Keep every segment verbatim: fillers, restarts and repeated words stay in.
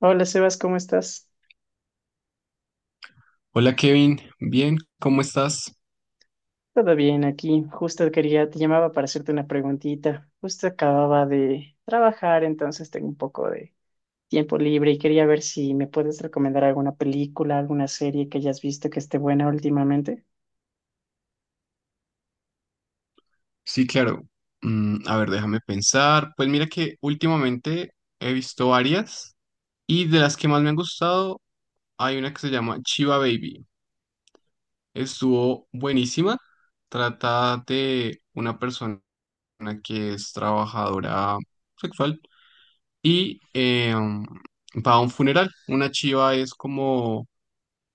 Hola, Sebas, ¿cómo estás? Hola Kevin, bien, ¿cómo estás? Todo bien aquí. Justo quería, te llamaba para hacerte una preguntita. Justo acababa de trabajar, entonces tengo un poco de tiempo libre y quería ver si me puedes recomendar alguna película, alguna serie que hayas visto que esté buena últimamente. Sí, claro. Mm, a ver, déjame pensar. Pues mira que últimamente he visto varias y de las que más me han gustado hay una que se llama Chiva Baby. Estuvo buenísima. Trata de una persona que es trabajadora sexual y eh, va a un funeral. Una chiva es como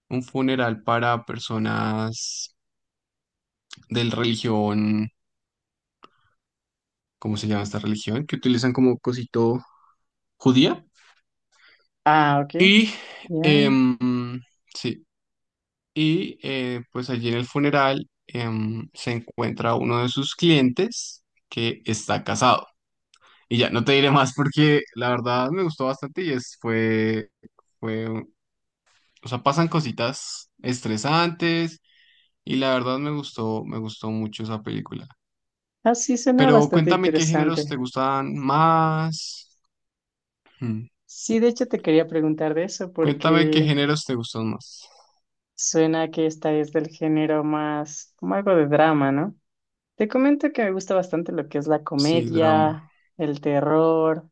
un funeral para personas de religión. ¿Cómo se llama esta religión? Que utilizan como cosito, judía. Ah, ok. Y, Ya. em, sí, y eh, pues allí en el funeral em, se encuentra uno de sus clientes que está casado. Y ya, no te diré más porque la verdad me gustó bastante y es, fue, fue, o sea, pasan cositas estresantes y la verdad me gustó, me gustó mucho esa película. Ah, sí, suena Pero bastante cuéntame qué géneros te interesante. gustan más. Hmm. Sí, de hecho te quería preguntar de eso Cuéntame qué porque géneros te gustan más. suena que esta es del género más como algo de drama, ¿no? Te comento que me gusta bastante lo que es la Sí, drama. comedia, el terror,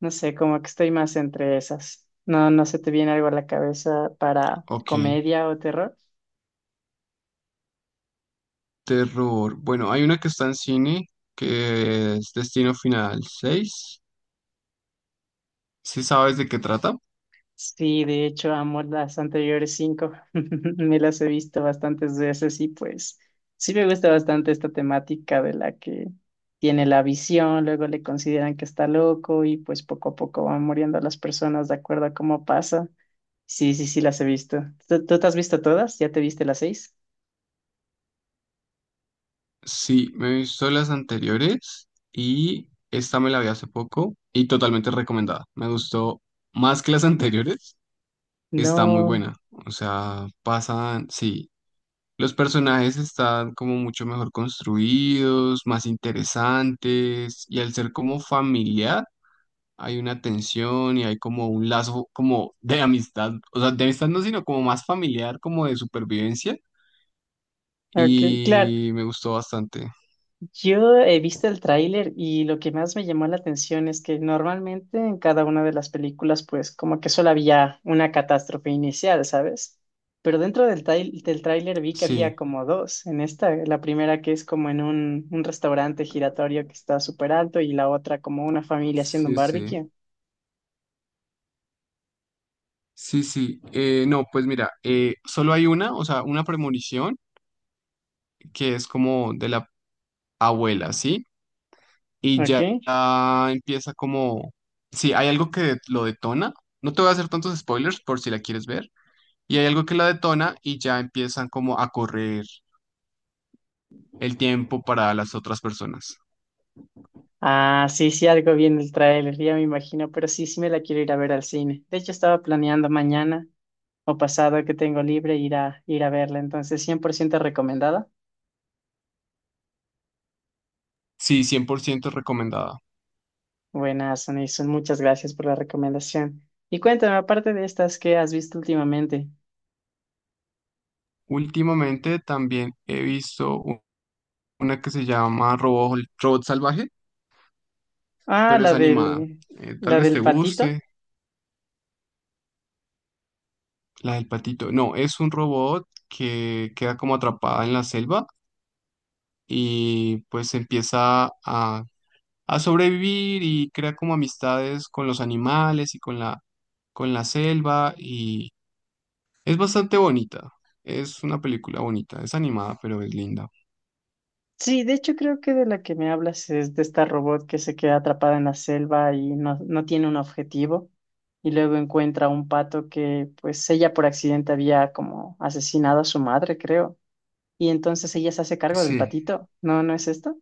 no sé, como que estoy más entre esas. No, no se te viene algo a la cabeza para Ok. comedia o terror. Terror. Bueno, hay una que está en cine que es Destino Final seis. ¿Sí sabes de qué trata? Sí, de hecho, amo las anteriores cinco. Me las he visto bastantes veces y pues sí me gusta bastante esta temática de la que tiene la visión, luego le consideran que está loco y pues poco a poco van muriendo las personas de acuerdo a cómo pasa. Sí, sí, sí, las he visto. ¿Tú, tú te has visto todas? ¿Ya te viste las seis? Sí, me he visto las anteriores y esta me la vi hace poco y totalmente recomendada. Me gustó más que las anteriores. Está muy No. buena. O sea, pasan, sí. Los personajes están como mucho mejor construidos, más interesantes y al ser como familiar hay una tensión y hay como un lazo como de amistad, o sea, de amistad no, sino como más familiar, como de supervivencia Ok, claro. y me gustó bastante. Yo he visto el tráiler y lo que más me llamó la atención es que normalmente en cada una de las películas, pues como que solo había una catástrofe inicial, ¿sabes? Pero dentro del, trai- del tráiler vi que había Sí, como dos. En esta, la primera que es como en un, un restaurante giratorio que está súper alto y la otra como una familia haciendo un sí, sí. barbecue. Sí, sí. Eh, no, pues mira, eh, solo hay una, o sea, una premonición que es como de la abuela, ¿sí? Y Ok. ya ah, empieza como, sí, hay algo que lo detona. No te voy a hacer tantos spoilers por si la quieres ver. Y hay algo que la detona y ya empiezan como a correr el tiempo para las otras personas. Ah, sí, sí, algo bien el tráiler, ya me imagino, pero sí, sí me la quiero ir a ver al cine. De hecho, estaba planeando mañana o pasado que tengo libre ir a, ir a verla, entonces cien por ciento recomendada. Sí, cien por ciento recomendada. Buenas, Anison, muchas gracias por la recomendación. Y cuéntame, aparte de estas, ¿qué has visto últimamente? Últimamente también he visto u- una que se llama Robo- Robot Salvaje, Ah, pero es la animada. del, Eh, tal la vez del te patito. guste, la del patito. No, es un robot que queda como atrapada en la selva y pues empieza a, a sobrevivir y crea como amistades con los animales y con la, con la selva y es bastante bonita. Es una película bonita, es animada, pero es linda. Sí, de hecho creo que de la que me hablas es de esta robot que se queda atrapada en la selva y no, no tiene un objetivo y luego encuentra un pato que pues ella por accidente había como asesinado a su madre, creo. Y entonces ella se hace cargo del Sí, patito. ¿No, no es esto?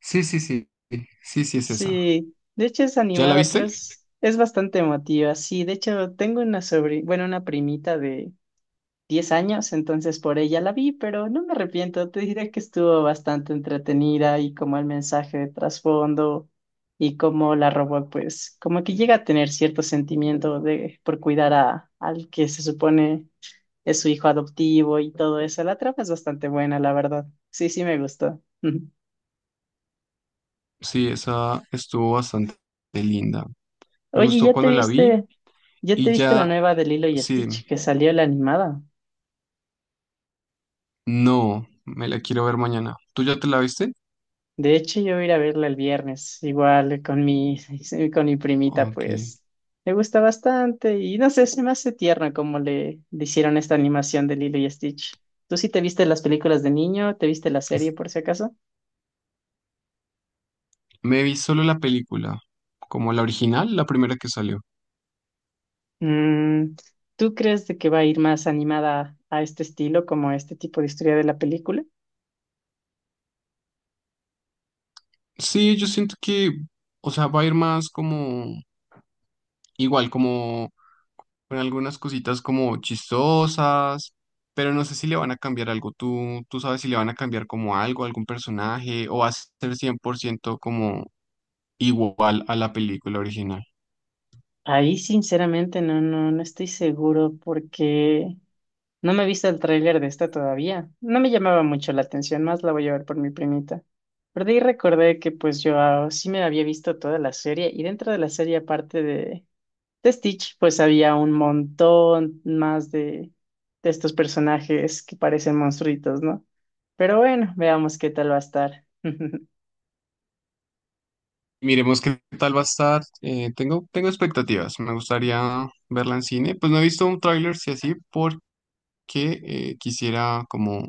sí, sí, sí, sí, sí, es esa. Sí, de hecho es ¿Ya la animada, pero viste? es, es bastante emotiva. Sí, de hecho tengo una sobrina, bueno, una primita diez años, entonces por ella la vi, pero no me arrepiento, te diré que estuvo bastante entretenida y como el mensaje de trasfondo y como la robot, pues como que llega a tener cierto sentimiento de por cuidar a al que se supone es su hijo adoptivo y todo eso. La trama es bastante buena, la verdad. Sí, sí me gustó. Sí, esa estuvo bastante linda. Me Oye, gustó ¿ya te cuando la vi viste, ya te y viste la ya, nueva de Lilo y sí, Stitch dime. que salió la animada? No, me la quiero ver mañana. ¿Tú ya te la viste? De hecho, yo voy a ir a verla el viernes, igual con mi, con mi primita, Ok. pues le gusta bastante y no sé, se me hace tierno como le, le hicieron esta animación de Lilo y Stitch. ¿Tú sí te viste las películas de niño? ¿Te viste la serie por si acaso? Me vi solo la película, como la original, la primera que salió. Mm, ¿tú crees de que va a ir más animada a este estilo, como a este tipo de historia de la película? Sí, yo siento que, o sea, va a ir más como igual, como con algunas cositas como chistosas, pero no sé si le van a cambiar algo. ¿Tú, tú sabes si le van a cambiar como algo, algún personaje, o va a ser cien por ciento como igual a la película original? Ahí sinceramente no, no, no estoy seguro porque no me he visto el tráiler de esta todavía. No me llamaba mucho la atención, más la voy a ver por mi primita. Pero de ahí recordé que pues yo ah, sí me había visto toda la serie y dentro de la serie aparte de, de Stitch pues había un montón más de, de estos personajes que parecen monstruitos, ¿no? Pero bueno, veamos qué tal va a estar. Miremos qué tal va a estar. Eh, tengo, tengo expectativas. Me gustaría verla en cine. Pues no he visto un tráiler, si así, porque eh, quisiera como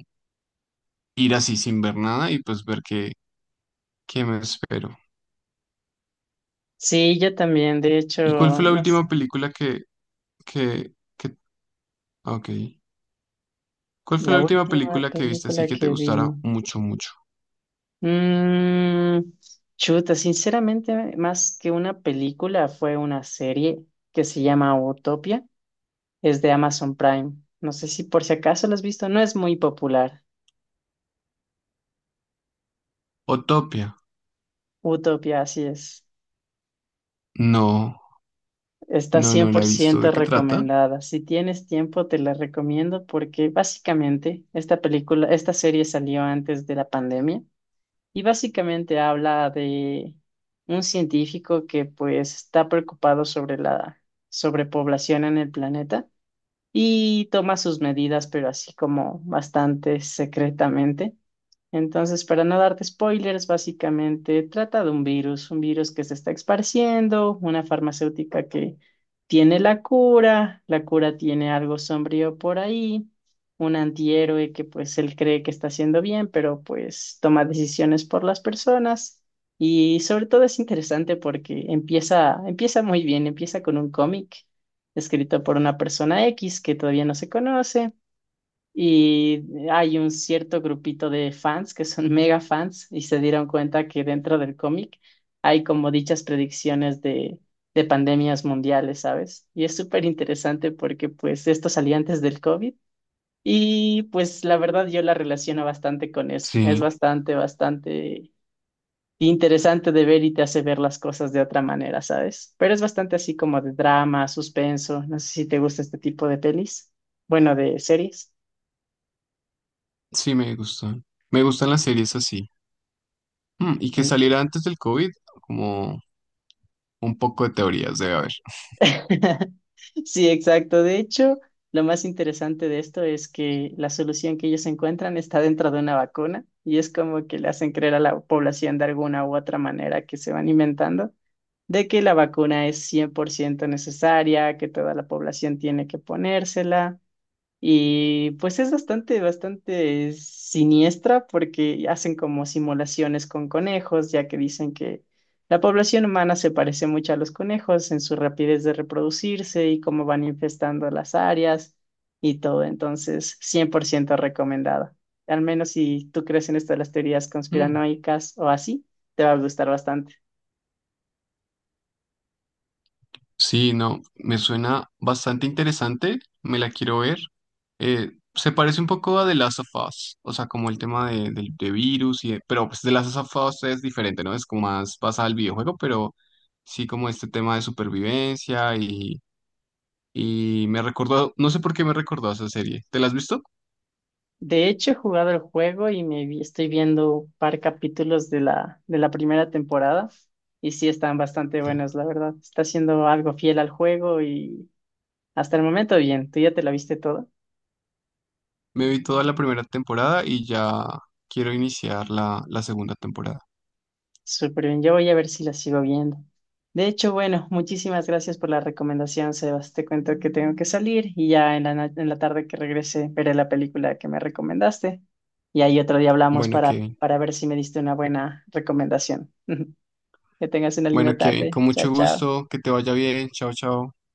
ir así sin ver nada y pues ver qué, qué me espero. Sí, yo también. De hecho, ¿Y cuál fue la no sé, última película que, que, que, ah, ok. ¿Cuál fue la la última última película que viste así película que te que gustara vi. mucho, mucho? Mm, chuta, sinceramente, más que una película, fue una serie que se llama Utopia. Es de Amazon Prime. No sé si por si acaso la has visto, no es muy popular. Utopia. Utopia, así es. No, Está no, cien no la por he visto. ciento ¿De qué trata? recomendada. Si tienes tiempo, te la recomiendo porque básicamente esta película, esta serie salió antes de la pandemia. Y básicamente habla de un científico que pues está preocupado sobre la sobrepoblación en el planeta y toma sus medidas, pero así como bastante secretamente. Entonces, para no darte spoilers, básicamente trata de un virus, un virus que se está esparciendo, una farmacéutica que tiene la cura, la cura tiene algo sombrío por ahí, un antihéroe que pues él cree que está haciendo bien, pero pues toma decisiones por las personas y sobre todo es interesante porque empieza, empieza muy bien, empieza con un cómic escrito por una persona X que todavía no se conoce. Y hay un cierto grupito de fans que son mega fans y se dieron cuenta que dentro del cómic hay como dichas predicciones de, de pandemias mundiales, ¿sabes? Y es súper interesante porque pues esto salía antes del COVID y pues la verdad yo la relaciono bastante con eso. Es Sí, bastante, bastante interesante de ver y te hace ver las cosas de otra manera, ¿sabes? Pero es bastante así como de drama, suspenso. No sé si te gusta este tipo de pelis, bueno, de series. sí me gustan. Me gustan las series así. Mm, y que saliera antes del COVID, como un poco de teorías debe haber. Sí, exacto. De hecho, lo más interesante de esto es que la solución que ellos encuentran está dentro de una vacuna y es como que le hacen creer a la población de alguna u otra manera que se van inventando de que la vacuna es cien por ciento necesaria, que toda la población tiene que ponérsela y pues es bastante, bastante siniestra porque hacen como simulaciones con conejos, ya que dicen que la población humana se parece mucho a los conejos en su rapidez de reproducirse y cómo van infestando las áreas y todo. Entonces, cien por ciento recomendada. Al menos si tú crees en esto de las teorías conspiranoicas o así, te va a gustar bastante. Sí, no, me suena bastante interesante, me la quiero ver. Eh, se parece un poco a The Last of Us, o sea, como el tema de, del- de virus y de- pero pues The Last of Us es diferente, ¿no? Es como más basada al videojuego, pero sí como este tema de supervivencia y, y me recordó, no sé por qué me recordó a esa serie. ¿Te la has visto? De hecho, he jugado el juego y me vi- estoy viendo un par capítulos de la, de la primera temporada y sí están bastante buenos, la verdad. Está siendo algo fiel al juego y hasta el momento bien. ¿Tú ya te la viste toda? Me vi toda la primera temporada y ya quiero iniciar la, la segunda temporada. Súper bien. Yo voy a ver si la sigo viendo. De hecho, bueno, muchísimas gracias por la recomendación, Sebas. Te cuento que tengo que salir y ya en la, na- en la tarde que regrese veré la película que me recomendaste y ahí otro día hablamos Bueno, para, Kevin. para ver si me diste una buena recomendación. Que tengas una Bueno, linda Kevin, tarde. con Chao, mucho chao. gusto, que te vaya bien. Chao, chao.